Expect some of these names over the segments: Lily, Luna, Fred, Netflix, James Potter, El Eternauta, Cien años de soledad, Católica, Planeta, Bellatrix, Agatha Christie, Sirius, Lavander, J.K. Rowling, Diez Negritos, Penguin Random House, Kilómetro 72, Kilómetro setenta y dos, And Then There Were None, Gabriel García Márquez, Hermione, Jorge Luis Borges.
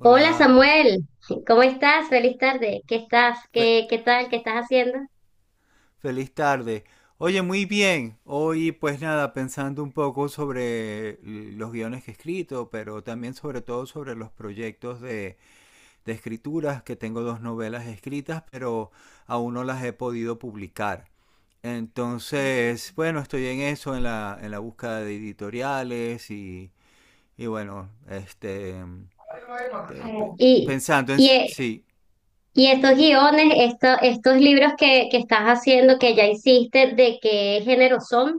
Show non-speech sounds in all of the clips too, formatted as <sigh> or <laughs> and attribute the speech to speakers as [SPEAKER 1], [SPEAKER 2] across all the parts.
[SPEAKER 1] Hola Samuel, ¿cómo estás? Feliz tarde. ¿Qué estás?
[SPEAKER 2] Fe-
[SPEAKER 1] ¿Qué tal? ¿Qué estás haciendo?
[SPEAKER 2] feliz tarde. Oye, muy bien. Hoy pues nada, pensando un poco sobre los guiones que he escrito, pero también sobre todo sobre los proyectos de, escrituras, que tengo dos novelas escritas, pero aún no las he podido publicar. Entonces, bueno, estoy en eso, en la, búsqueda de editoriales y bueno, te- pe-
[SPEAKER 1] Y,
[SPEAKER 2] pensando en
[SPEAKER 1] y,
[SPEAKER 2] si,
[SPEAKER 1] eh,
[SPEAKER 2] sí.
[SPEAKER 1] y estos guiones, estos libros que estás haciendo, que ya hiciste, ¿de qué género son?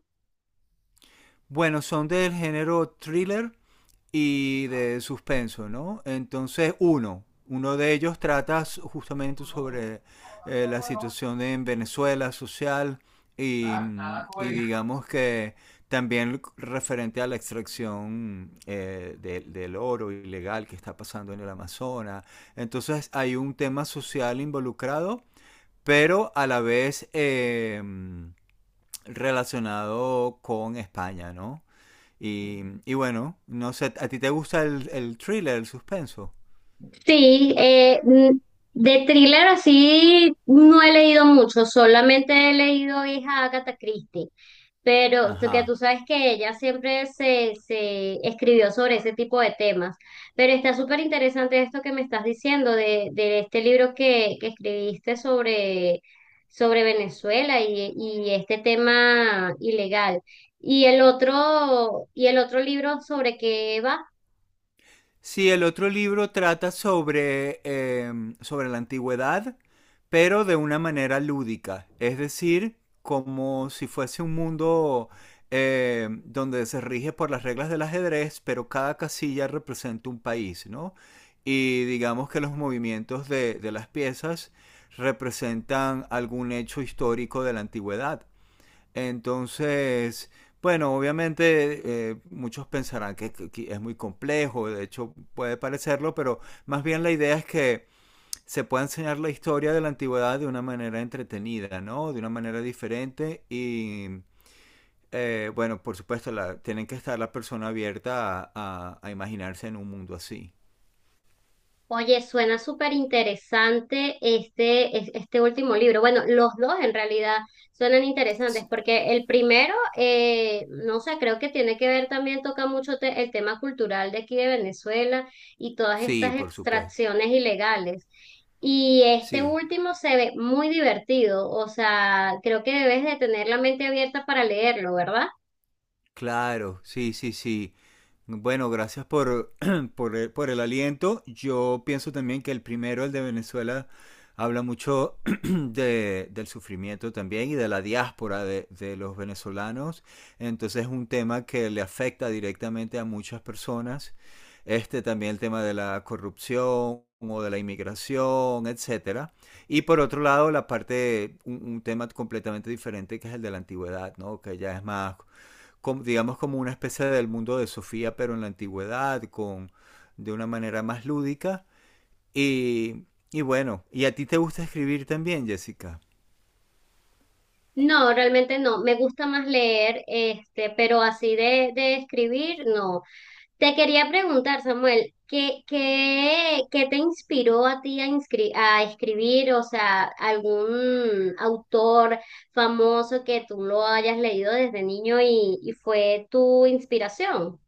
[SPEAKER 2] Bueno, son del género thriller y de suspenso, ¿no? Entonces, uno de ellos trata justamente sobre la situación en Venezuela social y, y digamos que también referente a la extracción del oro ilegal que está pasando en el Amazonas. Entonces hay un tema social involucrado, pero a la vez relacionado con España, ¿no? Y bueno, no sé, ¿a ti te gusta el thriller, el suspenso?
[SPEAKER 1] Sí, eh, mm, de thriller así no he leído mucho, solamente he leído Hija Agatha Christie, pero que tú
[SPEAKER 2] Ajá.
[SPEAKER 1] sabes que ella siempre se escribió sobre ese tipo de temas. Pero está súper interesante esto que me estás diciendo de este libro que escribiste sobre Venezuela y este tema ilegal. ¿Y el otro libro sobre qué va?
[SPEAKER 2] Sí, el otro libro trata sobre la antigüedad, pero de una manera lúdica, es decir, como si fuese un mundo donde se rige por las reglas del ajedrez, pero cada casilla representa un país, ¿no? Y digamos que los movimientos de las piezas representan algún hecho histórico de la antigüedad. Entonces, bueno, obviamente muchos pensarán que es muy complejo, de hecho puede parecerlo, pero más bien la idea es que se pueda enseñar la historia de la antigüedad de una manera entretenida, ¿no? De una manera diferente y, bueno, por supuesto, tienen que estar la persona abierta a imaginarse en un mundo así.
[SPEAKER 1] Oye, suena súper interesante este, este último libro. Bueno, los dos en realidad suenan interesantes porque el primero, no sé, creo que tiene que ver también, toca mucho el tema cultural de aquí de Venezuela y todas
[SPEAKER 2] Sí,
[SPEAKER 1] estas
[SPEAKER 2] por supuesto.
[SPEAKER 1] extracciones ilegales. Y este
[SPEAKER 2] Sí,
[SPEAKER 1] último se ve muy divertido, o sea, creo que debes de tener la mente abierta para leerlo, ¿verdad?
[SPEAKER 2] claro, sí, sí, sí. Bueno, gracias <clears throat> por el aliento. Yo pienso también que el primero, el de Venezuela, habla mucho <clears throat> del sufrimiento también y de la diáspora de los venezolanos. Entonces es un tema que le afecta directamente a muchas personas. Este también el tema de la corrupción o de la inmigración, etcétera. Y por otro lado, la parte, un tema completamente diferente que es el de la antigüedad, ¿no? Que ya es más como, digamos como una especie del mundo de Sofía, pero en la antigüedad, con, de una manera más lúdica. Y, y bueno, ¿y a ti te gusta escribir también, Jessica?
[SPEAKER 1] No, realmente no. Me gusta más leer, este, pero así de escribir, no. Te quería preguntar, Samuel, ¿qué te inspiró a ti a, a escribir? O sea, algún autor famoso que tú lo hayas leído desde niño y fue tu inspiración.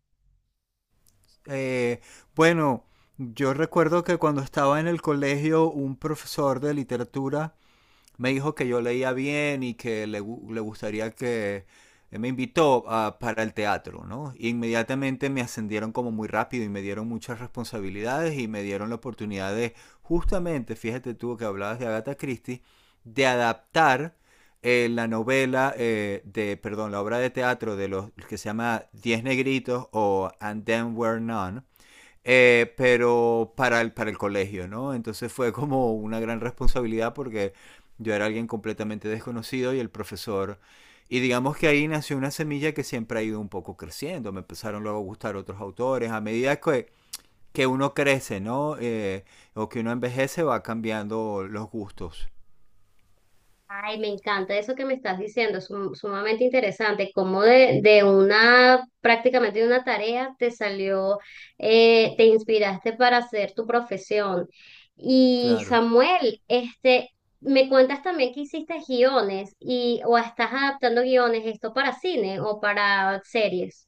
[SPEAKER 2] Eh, bueno, yo recuerdo que cuando estaba en el colegio, un profesor de literatura me dijo que yo leía bien y que le gustaría que él me invitó para el teatro, ¿no? Y inmediatamente me ascendieron como muy rápido y me dieron muchas responsabilidades y me dieron la oportunidad de, justamente, fíjate tú que hablabas de Agatha Christie, de adaptar la novela perdón, la obra de teatro de los que se llama Diez Negritos o And Then Were None pero para el, colegio, ¿no? Entonces fue como una gran responsabilidad porque yo era alguien completamente desconocido y el profesor... Y digamos que ahí nació una semilla que siempre ha ido un poco creciendo. Me empezaron luego a gustar otros autores. A medida que uno crece, ¿no? O que uno envejece, va cambiando los gustos.
[SPEAKER 1] Ay, me encanta eso que me estás diciendo, es sumamente interesante, cómo de una, prácticamente de una tarea te salió, te inspiraste para hacer tu profesión. Y
[SPEAKER 2] Claro.
[SPEAKER 1] Samuel, este, me cuentas también que hiciste guiones y, o estás adaptando guiones, esto para cine o para series.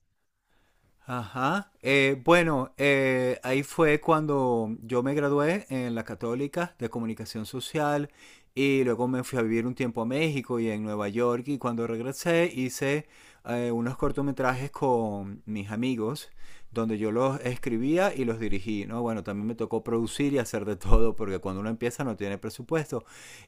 [SPEAKER 2] Ajá. Bueno, ahí fue cuando yo me gradué en la Católica de Comunicación Social y luego me fui a vivir un tiempo a México y en Nueva York y cuando regresé hice unos cortometrajes con mis amigos donde yo los escribía y los dirigí, ¿no? Bueno, también me tocó producir y hacer de todo, porque cuando uno empieza no tiene presupuesto.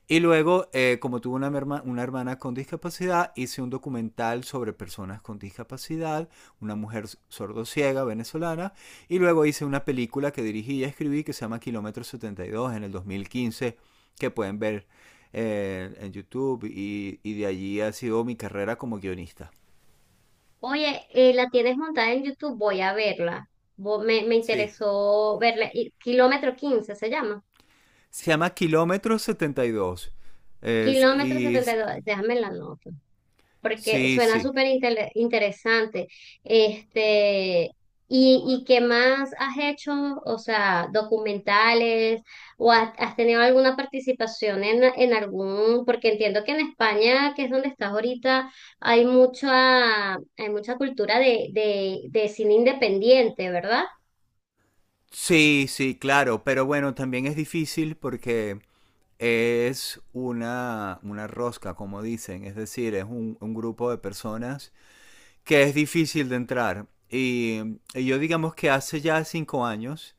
[SPEAKER 2] Y luego, como tuve una hermana con discapacidad, hice un documental sobre personas con discapacidad, una mujer sordociega venezolana, y luego hice una película que dirigí y escribí que se llama Kilómetro 72 en el 2015, que pueden ver en YouTube, y de allí ha sido mi carrera como guionista.
[SPEAKER 1] Oye, la tienes montada en YouTube, voy a verla. Me, me
[SPEAKER 2] Sí.
[SPEAKER 1] interesó verla. Kilómetro 15 se llama.
[SPEAKER 2] Se llama Kilómetro 72.
[SPEAKER 1] Kilómetro
[SPEAKER 2] Y
[SPEAKER 1] setenta y dos, déjame la nota, porque
[SPEAKER 2] sí,
[SPEAKER 1] suena
[SPEAKER 2] sí.
[SPEAKER 1] súper interesante. Este, y qué más has hecho? O sea, documentales, o has, has tenido alguna participación en algún, porque entiendo que en España, que es donde estás ahorita, hay mucha cultura de cine independiente, ¿verdad?
[SPEAKER 2] Sí, sí, claro, pero bueno, también es difícil porque es una rosca, como dicen, es decir, es un grupo de personas que es difícil de entrar. Y yo digamos que hace ya 5 años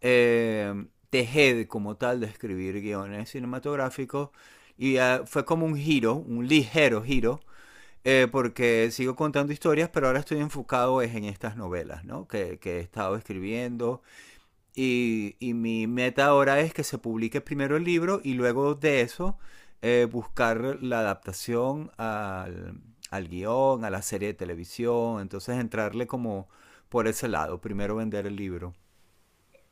[SPEAKER 2] eh, dejé como tal de escribir guiones cinematográficos y fue como un giro, un ligero giro, porque sigo contando historias, pero ahora estoy enfocado es en estas novelas, ¿no? Que he estado escribiendo y, mi meta ahora es que se publique primero el libro y luego de eso buscar la adaptación al guión, a la serie de televisión. Entonces entrarle como por ese lado, primero vender el libro.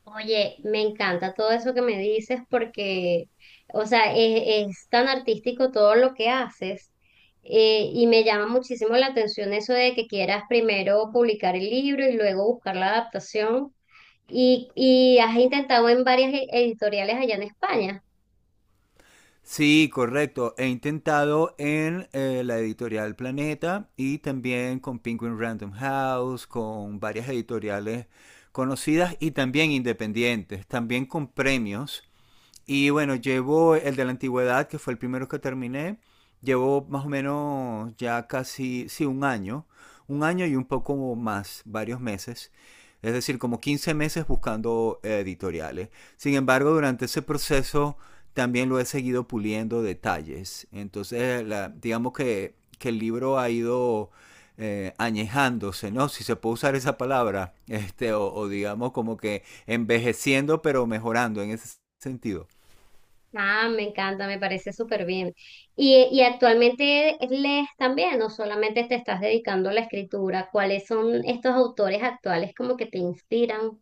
[SPEAKER 1] Oye, me encanta todo eso que me dices porque, o sea, es tan artístico todo lo que haces, y me llama muchísimo la atención eso de que quieras primero publicar el libro y luego buscar la adaptación y has intentado en varias editoriales allá en España.
[SPEAKER 2] Sí, correcto. He intentado en la editorial Planeta y también con Penguin Random House, con varias editoriales conocidas y también independientes, también con premios. Y bueno, llevo el de la antigüedad, que fue el primero que terminé. Llevo más o menos ya casi, sí, un año. Un año y un poco más, varios meses. Es decir, como 15 meses buscando editoriales. Sin embargo, durante ese proceso también lo he seguido puliendo detalles. Entonces, digamos que el libro ha ido añejándose, ¿no? Si se puede usar esa palabra, <laughs> o digamos como que envejeciendo, pero mejorando en ese sentido.
[SPEAKER 1] Ah, me encanta, me parece súper bien. Y actualmente lees también o solamente te estás dedicando a la escritura? ¿Cuáles son estos autores actuales como que te inspiran?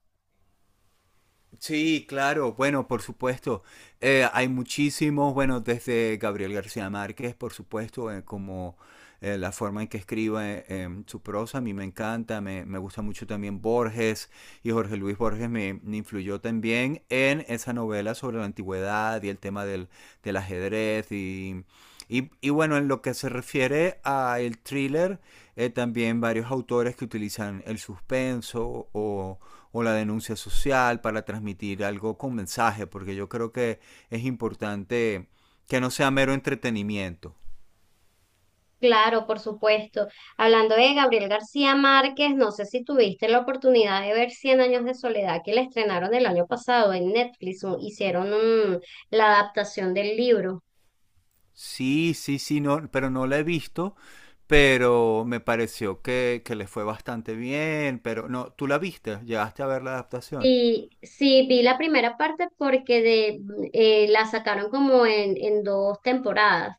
[SPEAKER 2] Sí, claro, bueno, por supuesto. Hay muchísimos, bueno, desde Gabriel García Márquez, por supuesto, como la forma en que escribe su prosa. A mí me encanta, me gusta mucho también Borges, y Jorge Luis Borges me influyó también en esa novela sobre la antigüedad y el tema del ajedrez y, bueno, en lo que se refiere al thriller, también varios autores que utilizan el suspenso o la denuncia social para transmitir algo con mensaje, porque yo creo que es importante que no sea mero entretenimiento.
[SPEAKER 1] Claro, por supuesto. Hablando de Gabriel García Márquez, no sé si tuviste la oportunidad de ver Cien años de soledad que le estrenaron el año pasado en Netflix. Hicieron la adaptación del libro.
[SPEAKER 2] Sí, sí, sí, no, pero no la he visto, pero me pareció que le fue bastante bien, pero no, tú la viste, llegaste a ver la adaptación.
[SPEAKER 1] Sí, sí, vi la primera parte porque la sacaron como en dos temporadas.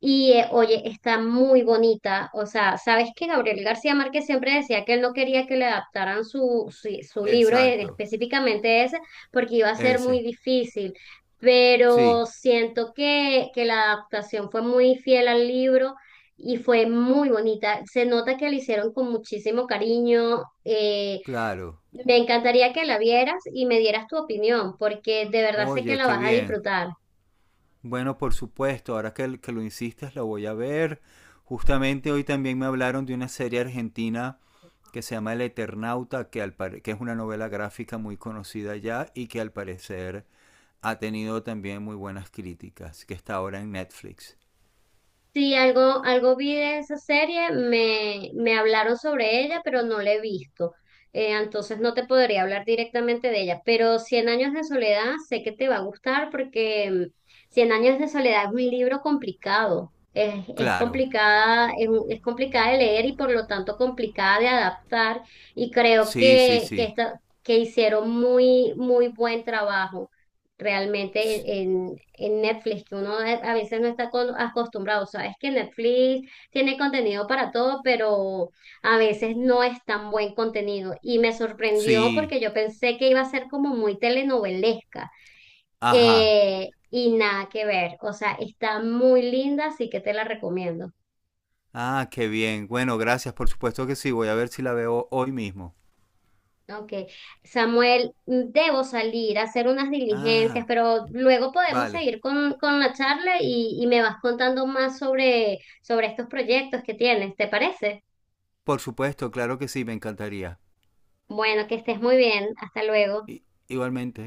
[SPEAKER 1] Y oye, está muy bonita. O sea, ¿sabes que Gabriel García Márquez siempre decía que él no quería que le adaptaran su libro,
[SPEAKER 2] Exacto,
[SPEAKER 1] específicamente ese, porque iba a ser muy
[SPEAKER 2] ese,
[SPEAKER 1] difícil? Pero
[SPEAKER 2] sí,
[SPEAKER 1] siento que la adaptación fue muy fiel al libro y fue muy bonita. Se nota que la hicieron con muchísimo cariño.
[SPEAKER 2] claro.
[SPEAKER 1] Me encantaría que la vieras y me dieras tu opinión, porque de verdad sé que
[SPEAKER 2] Oye,
[SPEAKER 1] la
[SPEAKER 2] qué
[SPEAKER 1] vas a
[SPEAKER 2] bien.
[SPEAKER 1] disfrutar.
[SPEAKER 2] Bueno, por supuesto, ahora que lo insistes, lo voy a ver. Justamente hoy también me hablaron de una serie argentina que se llama El Eternauta, que es una novela gráfica muy conocida ya y que al parecer ha tenido también muy buenas críticas, que está ahora en Netflix.
[SPEAKER 1] Sí, algo, algo vi de esa serie, me hablaron sobre ella, pero no la he visto. Entonces no te podría hablar directamente de ella, pero Cien años de soledad sé que te va a gustar porque Cien años de soledad es un libro complicado. Es
[SPEAKER 2] Claro,
[SPEAKER 1] complicada, es, es complicada de leer y por lo tanto complicada de adaptar. Y creo
[SPEAKER 2] sí, sí, sí.
[SPEAKER 1] que hicieron muy, muy buen trabajo
[SPEAKER 2] S-
[SPEAKER 1] realmente en Netflix, que uno a veces no está acostumbrado. O sea, es que Netflix tiene contenido para todo, pero a veces no es tan buen contenido. Y me sorprendió
[SPEAKER 2] Sí,
[SPEAKER 1] porque yo pensé que iba a ser como muy telenovelesca.
[SPEAKER 2] ajá.
[SPEAKER 1] Y nada que ver. O sea, está muy linda, así que te la recomiendo.
[SPEAKER 2] Ah, qué bien. Bueno, gracias, por supuesto que sí. Voy a ver si la veo hoy mismo.
[SPEAKER 1] Ok, Samuel, debo salir a hacer unas diligencias,
[SPEAKER 2] Ah,
[SPEAKER 1] pero luego podemos
[SPEAKER 2] vale.
[SPEAKER 1] seguir con la charla y me vas contando más sobre estos proyectos que tienes, ¿te parece?
[SPEAKER 2] Por supuesto, claro que sí, me encantaría.
[SPEAKER 1] Bueno, que estés muy bien, hasta luego.
[SPEAKER 2] Igualmente.